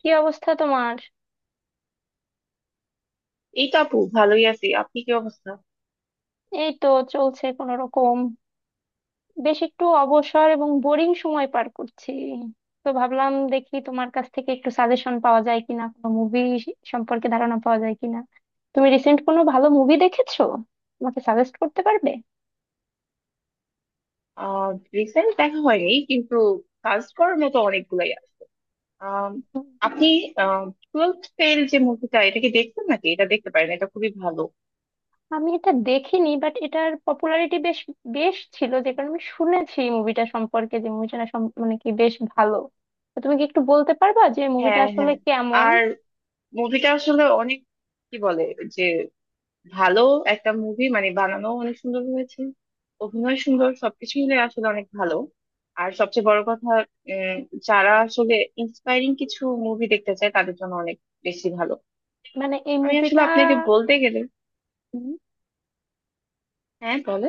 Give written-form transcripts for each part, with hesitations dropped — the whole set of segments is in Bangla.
কি অবস্থা তোমার? এই তো আপু, ভালোই আছি। আপনি কি অবস্থা? এই তো চলছে কোন রকম। বেশ একটু অবসর এবং বোরিং সময় পার করছি, তো ভাবলাম দেখি তোমার কাছ থেকে একটু সাজেশন পাওয়া যায় কিনা, কোনো মুভি সম্পর্কে ধারণা পাওয়া যায় কিনা। তুমি রিসেন্ট কোনো ভালো মুভি দেখেছো? আমাকে সাজেস্ট করতে পারবে? আহ রিসেন্ট দেখা হয়নি, কিন্তু কাজ করার মতো অনেকগুলাই আছে। আম, উম, আপনি টুয়েলভ ফেল যে মুভিটা, এটা কি দেখছেন নাকি? এটা দেখতে পারেন, এটা খুবই ভালো। আমি এটা দেখিনি, বাট এটার পপুলারিটি বেশ বেশ ছিল, যে কারণে আমি শুনেছি মুভিটা সম্পর্কে, যে মুভিটা মানে কি বেশ ভালো। তো তুমি কি একটু বলতে পারবা যে মুভিটা হ্যাঁ আসলে হ্যাঁ। কেমন? আর মুভিটা আসলে অনেক, কি বলে, যে ভালো একটা মুভি, মানে বানানো অনেক সুন্দর হয়েছে, অভিনয় সুন্দর, সবকিছু মিলে আসলে অনেক ভালো। আর সবচেয়ে বড় কথা, উম, যারা আসলে ইন্সপায়ারিং কিছু মুভি দেখতে চায় তাদের জন্য অনেক বেশি ভালো। মানে এই আমি আসলে মুভিটা, আপনাকে বলতে গেলে, হ্যাঁ বলে,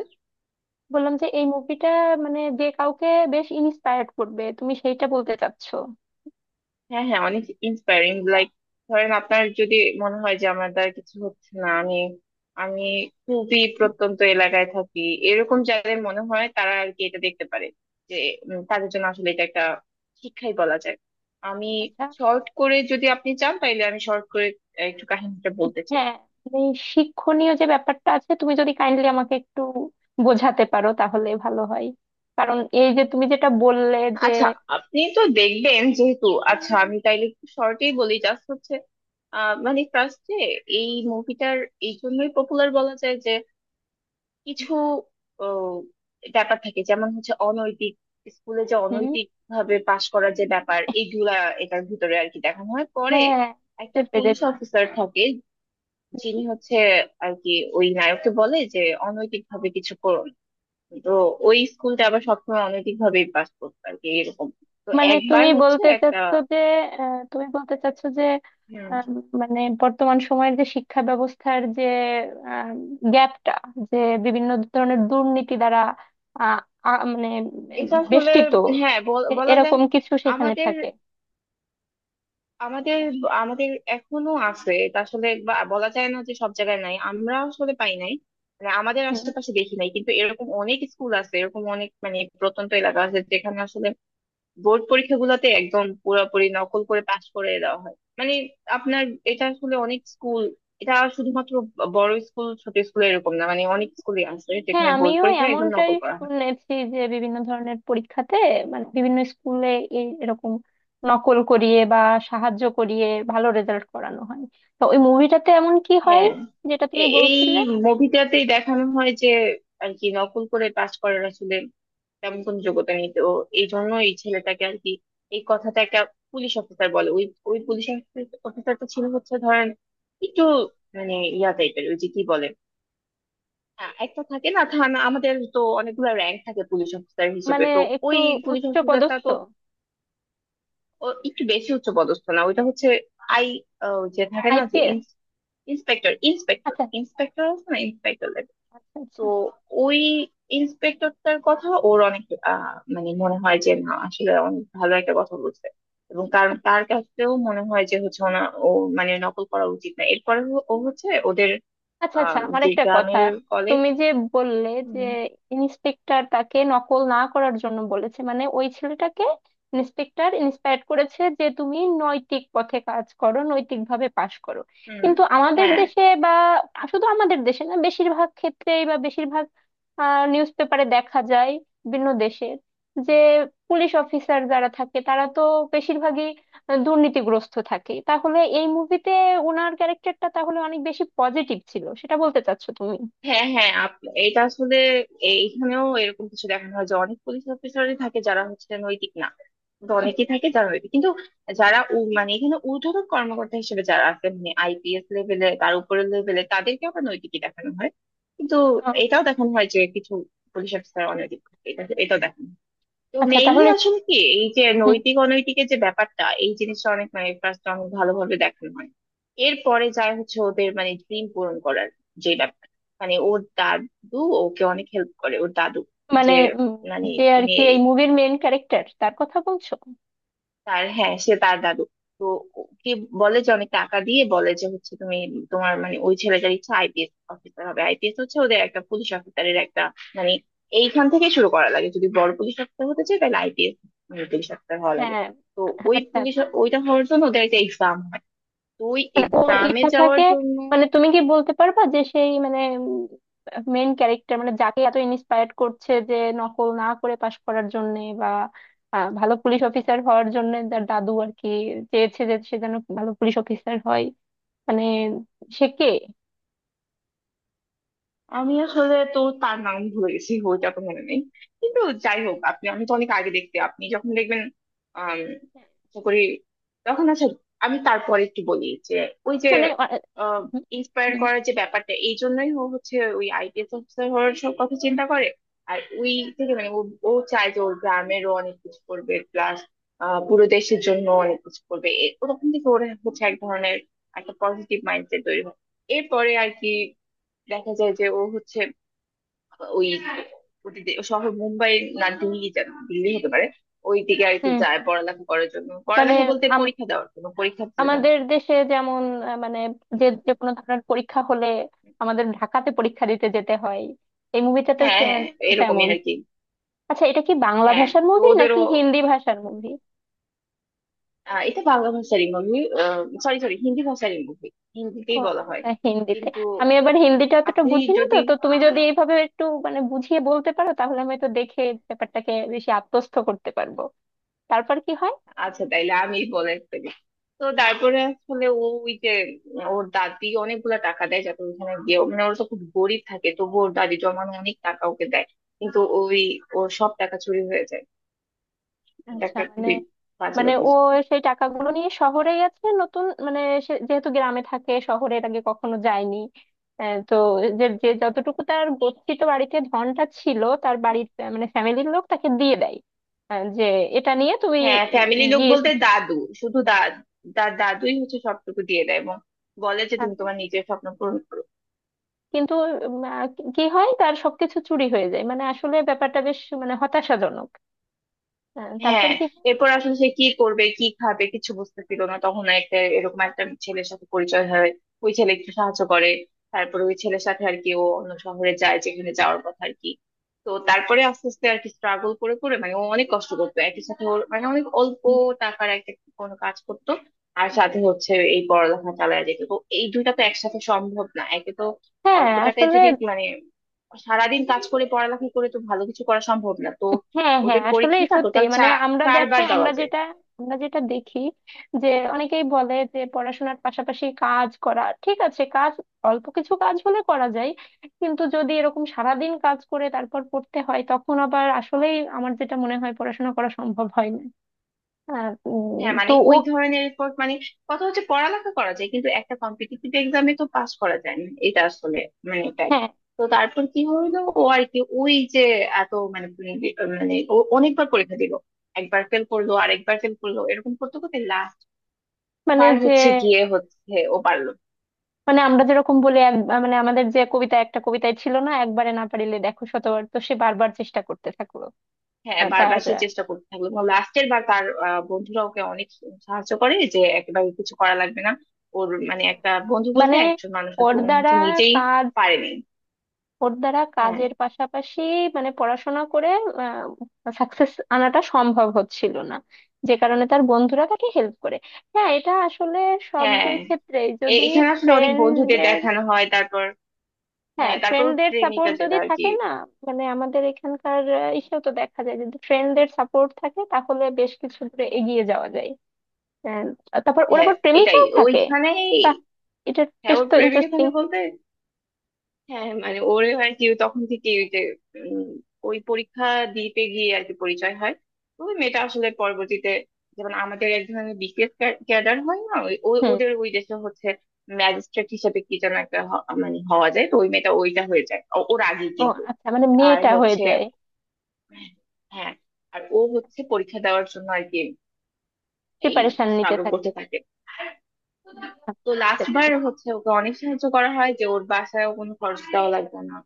বললাম যে এই মুভিটা মানে যে কাউকে বেশ ইন্সপায়ার্ড করবে, তুমি সেইটা বলতে চাচ্ছো? হ্যাঁ হ্যাঁ, অনেক ইন্সপায়ারিং। লাইক, ধরেন আপনার যদি মনে হয় যে আমার দ্বারা কিছু হচ্ছে না, আমি আমি খুবই প্রত্যন্ত এলাকায় থাকি, এরকম যাদের মনে হয় তারা আর কি এটা দেখতে পারে। যে তাদের জন্য আসলে এটা একটা শিক্ষাই বলা যায়। আমি আচ্ছা। শর্ট করে যদি আপনি চান তাইলে আমি শর্ট করে একটু কাহিনীটা বলতে চাই। হ্যাঁ, মানে এই শিক্ষণীয় যে ব্যাপারটা আছে, তুমি যদি কাইন্ডলি আমাকে একটু বোঝাতে পারো তাহলে ভালো হয়। কারণ এই যে তুমি যেটা বললে যে আচ্ছা, আপনি তো দেখবেন যেহেতু, আচ্ছা আমি তাইলে শর্টেই বলি। জাস্ট হচ্ছে, মানে ফার্স্টে এই মুভিটার এই জন্যই পপুলার বলা যায় যে কিছু ও, ব্যাপার থাকে, যেমন হচ্ছে অনৈতিক, স্কুলে যে হুম, অনৈতিক ভাবে পাশ করার যে ব্যাপার এইগুলা এটার ভিতরে আর কি দেখানো হয়। পরে হ্যাঁ, একটা চেপে যেত, পুলিশ অফিসার থাকে, যিনি হচ্ছে আর কি ওই নায়ককে বলে যে অনৈতিক ভাবে কিছু করো না। তো ওই স্কুলটা আবার সবসময় অনৈতিক ভাবেই পাস করতো আর কি, এরকম। তো মানে একবার তুমি হচ্ছে বলতে একটা, চাচ্ছো যে তুমি বলতে চাচ্ছো যে হুম, আহ, মানে বর্তমান সময়ের যে শিক্ষা ব্যবস্থার যে গ্যাপটা, যে বিভিন্ন ধরনের দুর্নীতি দ্বারা, আহ, মানে এটা আসলে বেষ্টিত, হ্যাঁ বলা যায়। এরকম কিছু সেখানে আমাদের থাকে। আমাদের আমাদের এখনো আছে, এটা আসলে বলা যায় না যে সব জায়গায় নাই, আমরা আসলে পাই নাই, মানে আমাদের হ্যাঁ। আশেপাশে দেখি নাই, কিন্তু এরকম অনেক স্কুল আছে, এরকম অনেক মানে প্রত্যন্ত এলাকা আছে যেখানে আসলে বোর্ড পরীক্ষাগুলোতে একদম পুরোপুরি নকল করে পাশ করে দেওয়া হয়। মানে আপনার এটা আসলে অনেক স্কুল, এটা শুধুমাত্র বড় স্কুল ছোট স্কুল এরকম না, মানে অনেক স্কুলে আছে হ্যাঁ, যেখানে বোর্ড আমিও পরীক্ষা একদম এমনটাই নকল করা হয়। শুনেছি, যে বিভিন্ন ধরনের পরীক্ষাতে, মানে বিভিন্ন স্কুলে এরকম নকল করিয়ে বা সাহায্য করিয়ে ভালো রেজাল্ট করানো হয়। তো ওই মুভিটাতে এমন কি হয় হ্যাঁ, যেটা তুমি এই বলছিলে? মুভিটাতেই দেখানো হয় যে আর কি নকল করে পাশ করার আসলে তেমন কোনো যোগ্যতা নেই, তো এই জন্য এই ছেলেটাকে আর কি এই কথাটা একটা পুলিশ অফিসার বলে। ওই, ওই পুলিশ অফিসারটা ছিল হচ্ছে ধরেন একটু মানে ইয়া টাইপের, ওই যে কি বলে, একটা থাকে না থানা, আমাদের তো অনেকগুলো র্যাঙ্ক থাকে পুলিশ অফিসার হিসেবে। মানে তো একটু ওই পুলিশ উচ্চ অফিসারটা পদস্থ? তো ও একটু বেশি উচ্চ পদস্থ না, ওইটা হচ্ছে আই ওই যে থাকে না যে আইপিএস? ইন্সপেক্টর ইন্সপেক্টর আচ্ছা। ইন্সপেক্টর আছে না, ইন্সপেক্টর লেভেল। আচ্ছা তো আচ্ছা। ওই ইন্সপেক্টরটার কথা ওর অনেক মানে মনে হয় যে না, আসলে অনেক ভালো একটা কথা বলছে, এবং তার তার কাছেও মনে হয় যে হচ্ছে ওনা, ও মানে নকল করা উচিত না। এরপরে ও ও হচ্ছে ওদের, আচ্ছা, আহ আচ্ছা, আমার যে একটা কথা, গ্রামের কলেজ। তুমি যে বললে যে হুম ইন্সপেক্টর তাকে নকল না করার জন্য বলেছে, মানে ওই ছেলেটাকে ইন্সপেক্টর ইন্সপায়ার করেছে যে তুমি নৈতিক পথে কাজ করো, নৈতিকভাবে পাশ করো। হুম, কিন্তু আমাদের হ্যাঁ দেশে বা শুধু আমাদের দেশে না, বেশিরভাগ ক্ষেত্রেই, বা বেশিরভাগ নিউজ পেপারে দেখা যায় বিভিন্ন দেশের যে পুলিশ অফিসার যারা থাকে তারা তো বেশিরভাগই দুর্নীতিগ্রস্ত থাকে। তাহলে এই মুভিতে ওনার ক্যারেক্টারটা তাহলে অনেক বেশি পজিটিভ ছিল, সেটা বলতে চাচ্ছো তুমি? হ্যাঁ হ্যাঁ। এটা আসলে এইখানেও এরকম কিছু দেখানো হয় যে অনেক পুলিশ অফিসারই থাকে যারা হচ্ছে নৈতিক না, কিন্তু অনেকেই হ্যাঁ। থাকে যারা নৈতিক, কিন্তু যারা মানে এখানে ঊর্ধ্বতন কর্মকর্তা হিসেবে যারা আছে, মানে আইপিএস লেভেলে, তার উপরের লেভেলে তাদেরকে আবার নৈতিকই দেখানো হয়। কিন্তু আহ, এটাও দেখানো হয় যে কিছু পুলিশ অফিসার অনৈতিক, এটাও দেখানো হয়। তো আচ্ছা মেইনলি তাহলে আসলে কি, এই যে হুম, নৈতিক অনৈতিকের যে ব্যাপারটা, এই জিনিসটা অনেক মানে ফার্স্ট অনেক ভালোভাবে দেখানো হয়। এরপরে যায় হচ্ছে ওদের মানে ড্রিম পূরণ করার যে ব্যাপার, মানে ওর দাদু ওকে অনেক হেল্প করে। ওর দাদু মানে যে উম, মানে যে আর তুমি কি এই মুভির মেইন ক্যারেক্টার, তার কথা বলছো? তার, হ্যাঁ সে তার দাদু, তো ওকে বলে যে অনেক টাকা দিয়ে, বলে যে হচ্ছে তুমি তোমার, মানে ওই ছেলেটার ইচ্ছা আইপিএস অফিসার হবে। আইপিএস হচ্ছে ওদের একটা পুলিশ অফিসারের একটা, মানে এইখান থেকে শুরু করা লাগে যদি বড় পুলিশ অফিসার হতে চায় তাহলে আইপিএস পুলিশ অফিসার হওয়া লাগে। হ্যাঁ। তো আচ্ছা ওই পুলিশ, আচ্ছা। ওইটা হওয়ার জন্য ওদের একটা এক্সাম হয়, তো ওই মানে ওর এক্সামে ইচ্ছা যাওয়ার থাকে, জন্য মানে তুমি কি বলতে পারবা যে সেই, মানে মেইন ক্যারেক্টার, মানে যাকে এত ইন্সপায়ার করছে যে নকল না করে পাশ করার জন্য বা ভালো পুলিশ অফিসার হওয়ার জন্য, তার দাদু আর কি চেয়েছে যে সে যেন ভালো পুলিশ অফিসার হয়। মানে সে কে? আমি আসলে তো তার নাম ভুলে গেছি, বইটা তো মনে নেই, কিন্তু যাই আচ্ছা। হোক আপনি, আমি তো অনেক আগে দেখতে, আপনি যখন দেখবেন, আম, আশা করি তখন। আচ্ছা, আমি তারপরে একটু বলি যে ওই যে মানে আ- ইন্সপায়ার হুম। করার যে ব্যাপারটা এই জন্যই ও হচ্ছে ওই আইপিএস অফিসার হওয়ার সব কথা চিন্তা করে, আর ওই থেকে মানে ও, ও চায় যে ওর গ্রামেরও অনেক কিছু করবে, প্লাস পুরো দেশের জন্য অনেক কিছু করবে, ওরকম থেকে ওর হচ্ছে এক ধরনের একটা পজিটিভ মাইন্ডসেট তৈরি হয়। এরপরে আর কি দেখা যায় যে ও হচ্ছে ওই, ওদের শহর মুম্বাই, না দিল্লি, যেন দিল্লি হতে পারে, ওই দিকে আর কি হুম, যায় পড়ালেখা করার জন্য, মানে পড়ালেখা বলতে আম- পরীক্ষা দেওয়ার জন্য, পরীক্ষা দিতে না। আমাদের দেশে যেমন মানে যে যে কোনো ধরনের পরীক্ষা হলে আমাদের ঢাকাতে পরীক্ষা দিতে যেতে হয়, এই মুভিটাতেও হ্যাঁ সে হ্যাঁ, এরকমই তেমন। আর কি। আচ্ছা, এটা কি বাংলা হ্যাঁ ভাষার তো মুভি নাকি ওদেরও হিন্দি ভাষার মুভি? এটা বাংলা ভাষারই মুভি, সরি সরি হিন্দি ভাষারই মুভি, ও হিন্দিতেই বলা হয়, আচ্ছা, হিন্দিতে। কিন্তু আমি আবার হিন্দিটা অতটা আপনি বুঝি না, তো যদি, তো তুমি যদি এইভাবে একটু মানে বুঝিয়ে বলতে পারো তাহলে আমি তো দেখে ব্যাপারটাকে বেশি আত্মস্থ করতে পারবো। তারপর কি হয়? আচ্ছা তাইলে আমি বলে ফেলি। তো তারপরে আসলে ও ওই যে, ওর দাদি অনেকগুলা টাকা দেয় যাতে ওখানে গিয়ে, মানে ওরা তো খুব গরিব থাকে, তবু ওর দাদি জমানো অনেক টাকা ওকে দেয়, কিন্তু ওই ওর সব টাকা চুরি হয়ে যায়। এটা আচ্ছা একটা মানে, খুবই বাজে মানে ও অভ্যাস। সেই টাকাগুলো নিয়ে শহরে গেছে, নতুন মানে, সে যেহেতু গ্রামে থাকে, শহরে এর আগে কখনো যায়নি। তো যে যে যতটুকু তার গচ্ছিত বাড়িতে ধনটা ছিল, তার বাড়ির মানে ফ্যামিলির লোক তাকে দিয়ে দেয়। যে এটা নিয়ে তুমি হ্যাঁ ফ্যামিলি উম লোক গিয়ে বলতে এসে- দাদু, শুধু দাদুই হচ্ছে সবটুকু দিয়ে দেয় এবং বলে যে আহ, তুমি তোমার নিজের স্বপ্ন পূরণ করো। কিন্তু উম, আহ, কি হয়, তার সবকিছু চুরি হয়ে যায়, মানে আসলে ব্যাপারটা বেশ মানে হতাশাজনক। তারপর হ্যাঁ কি হয়? এরপর আসলে সে কি করবে কি খাবে কিছু বুঝতে পারলো না, তখন একটা এরকম একটা ছেলের সাথে পরিচয় হয়, ওই ছেলে একটু সাহায্য করে। তারপরে ওই ছেলের সাথে আর কি ও অন্য শহরে যায় যেখানে যাওয়ার কথা আর কি। তো তারপরে আস্তে আস্তে আর কি স্ট্রাগল করে করে, মানে ও অনেক কষ্ট করতো, একই সাথে ওর মানে অনেক অল্প হুম। টাকার একটা কোনো কাজ করতো আর সাথে হচ্ছে এই পড়ালেখা চালায় যেত, তো এই দুইটা তো একসাথে সম্ভব না, একে তো হ্যাঁ অল্প টাকায়, আসলে, যদি মানে সারাদিন কাজ করে পড়ালেখা করে তো ভালো কিছু করা সম্ভব না। তো হ্যাঁ হ্যাঁ ওদের আসলে পরীক্ষাটা সত্যি টোটাল মানে আমরা, দেখো চারবার দেওয়া আমরা যায়। যেটা, আমরা যেটা দেখি যে অনেকেই বলে যে পড়াশোনার পাশাপাশি কাজ করা ঠিক আছে, কাজ অল্প কিছু কাজ হলে করা যায়, কিন্তু যদি এরকম সারাদিন কাজ করে তারপর পড়তে হয়, তখন আবার আসলেই আমার যেটা মনে হয়, পড়াশোনা করা সম্ভব হয় না। হ্যাঁ তো মানে ও ওই ধরনের রিপোর্ট, মানে কথা হচ্ছে পড়ালেখা করা যায় কিন্তু একটা কম্পিটিটিভ এক্সামে তো পাস করা যায় না, এটা আসলে মানে fact। হ্যাঁ, তো তারপর কি হইলো, ও আর কি ওই যে এত মানে, মানে ও অনেকবার পরীক্ষা দিল, একবার ফেল করলো আরেকবার ফেল করলো এরকম করতে করতে লাস্ট মানে বার যে, হচ্ছে গিয়ে হচ্ছে ও পারলো। মানে আমরা যেরকম বলি মানে আমাদের যে কবিতা, একটা কবিতায় ছিল না, একবারে না পারিলে দেখো শতবার, তো সে বারবার চেষ্টা করতে থাকলো। হ্যাঁ তার বারবার সে চেষ্টা করতে থাকলো, এবং লাস্টের বার তার বন্ধুরা ওকে অনেক সাহায্য করে যে একেবারে কিছু করা লাগবে না। ওর মানে একটা বন্ধু বলতে মানে একজন মানুষ ওর আছে, উনি হচ্ছে দ্বারা নিজেই কাজ, পারেনি। ওর দ্বারা হ্যাঁ কাজের পাশাপাশি, মানে পড়াশোনা করে সাকসেস আনাটা সম্ভব হচ্ছিল না, যে কারণে তার বন্ধুরা তাকে হেল্প করে। হ্যাঁ, এটা আসলে সব যে হ্যাঁ, ক্ষেত্রে যদি এখানে আসলে অনেক বন্ধুদের ফ্রেন্ডদের, দেখানো হয়, তারপর হ্যাঁ হ্যাঁ, তারপর ওর ফ্রেন্ডদের প্রেমিকা, সাপোর্ট যেটা যদি আর কি, থাকে না, মানে আমাদের এখানকার ইসেও তো দেখা যায় যদি ফ্রেন্ডদের সাপোর্ট থাকে তাহলে বেশ কিছু দূরে এগিয়ে যাওয়া যায়। তারপর ওর হ্যাঁ আবার এটাই প্রেমিকাও থাকে? ওইখানে, বাহ, এটা হ্যাঁ বেশ ওর তো প্রেমিকা ইন্টারেস্টিং। থাকে বলতে, হ্যাঁ মানে ওরে হয় কি ও তখন থেকে ওই যে উম, ওই পরীক্ষা দিতে গিয়ে আর কি পরিচয় হয়। তো ওই মেয়েটা আসলে পরবর্তীতে, যেমন আমাদের এক ধরনের বিসিএস ক্যাডার হয় না, ওদের ওই দেশে হচ্ছে ম্যাজিস্ট্রেট হিসেবে কি যেন একটা মানে হওয়া যায়, তো ওই মেয়েটা ওইটা হয়ে যায় ওর আগেই ও কিন্তু, আচ্ছা, মানে আর মেয়েটা হয়ে হচ্ছে, যায়? হ্যাঁ আর ও হচ্ছে পরীক্ষা দেওয়ার জন্য আর কি এই প্রিপারেশন নিতে স্ট্রাগল থাকে? করতে থাকে। আচ্ছা, তো বুঝতে লাস্ট বার পেরেছি। হচ্ছে ওকে অনেক সাহায্য করা হয় যে ওর বাসায় কোনো খরচ দেওয়া লাগবে না,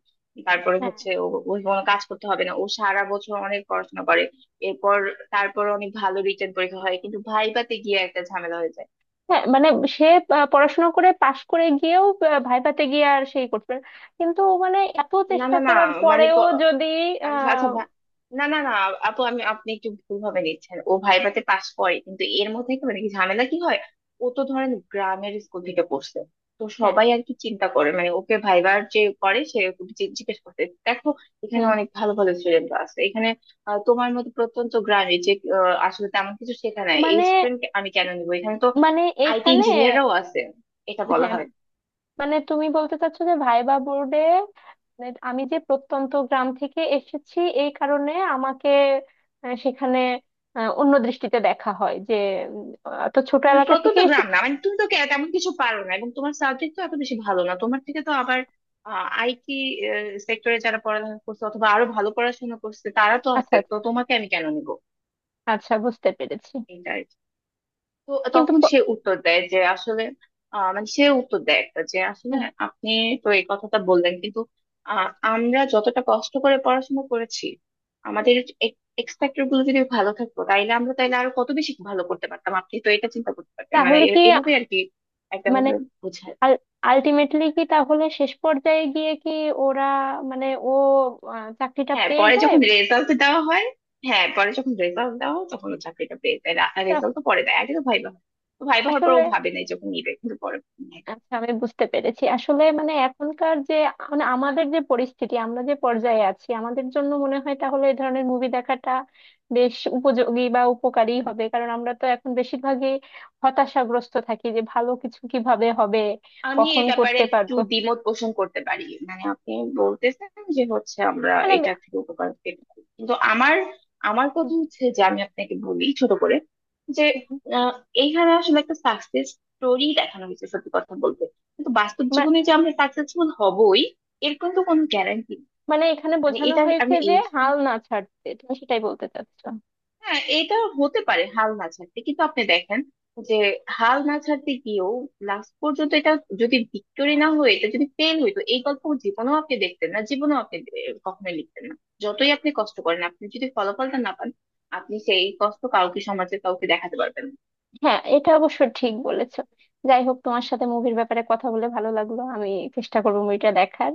তারপরে হ্যাঁ, হচ্ছে ও ওই কোনো কাজ করতে হবে না, ও সারা বছর অনেক পড়াশোনা করে, এরপর তারপর অনেক ভালো রিটেন পরীক্ষা হয় কিন্তু ভাইভাতে গিয়ে একটা ঝামেলা হয়ে যায়। হ্যাঁ, মানে সে পড়াশোনা করে পাশ করে গিয়েও ভাইভাতে গিয়ে আর সেই করতে পারে না। কিন্তু মানে এত না চেষ্টা না না, করার মানে পরেও প- যদি আচ্ছা আহ আচ্ছা না না না, আপু আমি, আপনি একটু ভুল ভাবে নিচ্ছেন, ও ভাইভাতে পাস করে, কিন্তু এর মধ্যে কি মানে কি ঝামেলা কি হয়, ও তো ধরেন গ্রামের স্কুল থেকে পড়ছে, তো হ্যাঁ সবাই আর কি চিন্তা করে মানে ওকে ভাইবার যে করে সে ওকে জিজ্ঞেস করতে দেখো এখানে হুম, অনেক ভালো ভালো স্টুডেন্ট আছে এখানে, আহ, তোমার মতো প্রত্যন্ত গ্রামে যে আহ, আসলে তেমন কিছু শেখা নাই এই মানে, স্টুডেন্ট আমি কেন নিবো, এখানে তো মানে আইটি এইখানে ইঞ্জিনিয়াররাও আছে, এটা বলা হ্যাঁ, হয়। মানে তুমি বলতে চাচ্ছো যে ভাইবা বোর্ডে আমি যে প্রত্যন্ত গ্রাম থেকে এসেছি, এই কারণে আমাকে সেখানে অন্য দৃষ্টিতে দেখা হয় যে উম, এত ছোট এলাকা থেকে প্রত্যন্ত গ্রাম এসেছি। না মানে তুমি তো তেমন কিছু পারো না এবং তোমার সাবজেক্ট তো এত বেশি ভালো না, তোমার থেকে তো আবার আইটি সেক্টরে যারা পড়াশোনা করছে অথবা আরো ভালো পড়াশোনা করছে তারা তো আচ্ছা আছে, তো আচ্ছা। তোমাকে আমি কেন নিব। আচ্ছা বুঝতে পেরেছি। তো কিন্তু তখন প- সে উত্তর দেয় যে আসলে মানে সে উত্তর দেয় একটা যে আসলে হুম, আপনি তো এই কথাটা বললেন, কিন্তু আহ, আমরা যতটা কষ্ট করে পড়াশোনা করেছি আমাদের এক্সপেক্টর গুলো যদি ভালো থাকতো তাইলে আমরা তাইলে আরো কত বেশি ভালো করতে পারতাম, আপনি তো এটা চিন্তা করতে পারতেন মানে তাহলে এভাবে আর কি একটা মানে ভাবে বোঝায়। আলটিমেটলি কি তাহলে শেষ পর্যায়ে গিয়ে কি ওরা, মানে ও চাকরিটা হ্যাঁ পেয়ে পরে যায়? যখন রেজাল্ট দেওয়া হয়, হ্যাঁ পরে যখন রেজাল্ট দেওয়া হয় তখন ও চাকরিটা পেয়ে যায়। তা রেজাল্ট তো পরে দেয়, আগে তো ভাইবা হয়, তো ভাইবা হওয়ার পর ও আসলে, ভাবে নাই যখন নিবে কিন্তু পরে। আচ্ছা আমি বুঝতে পেরেছি। আসলে মানে এখনকার যে, মানে আমাদের যে পরিস্থিতি, আমরা যে পর্যায়ে আছি, আমাদের জন্য মনে হয় তাহলে এই ধরনের মুভি দেখাটা বেশ উপযোগী বা উপকারী হবে, কারণ আমরা তো এখন বেশিরভাগই হতাশাগ্রস্ত থাকি যে ভালো কিছু কিভাবে হবে। আমি কখন এই ব্যাপারে করতে একটু পারবো? দ্বিমত পোষণ করতে পারি, মানে আপনি বলতেছেন যে হচ্ছে আমরা মানে এটা থেকে উপকার পেতে পারি, কিন্তু আমার, আমার কথা হচ্ছে যে আমি আপনাকে বলি ছোট করে যে হুম। আহ, এইখানে আসলে একটা সাকসেস স্টোরি দেখানো হয়েছে সত্যি কথা বলতে, কিন্তু বাস্তব মা- জীবনে যে আমরা সাকসেসফুল হবই এর কিন্তু কোনো গ্যারান্টি, মানে এখানে মানে বোঝানো এটা হয়েছে আমি যে এই, হাল না ছাড়তে, তুমি সেটাই বলতে চাচ্ছ? হ্যাঁ এটা হতে পারে হাল না ছাড়তে, কিন্তু আপনি দেখেন যে হাল না ছাড়তে গিয়েও লাস্ট পর্যন্ত এটা যদি ভিক্টোরি না হয়ে এটা যদি ফেল হইতো, এই গল্প জীবনেও আপনি দেখতেন না, জীবনেও আপনি কখনোই লিখতেন না। যতই আপনি কষ্ট করেন আপনি যদি ফলাফলটা না পান, আপনি সেই কষ্ট কাউকে সমাজে কাউকে দেখাতে পারবেন না। হ্যাঁ, এটা অবশ্য ঠিক বলেছো। যাই হোক, তোমার সাথে মুভির ব্যাপারে কথা বলে ভালো লাগলো। আমি চেষ্টা করবো মুভিটা দেখার।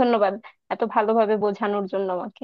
ধন্যবাদ এত ভালোভাবে বোঝানোর জন্য আমাকে।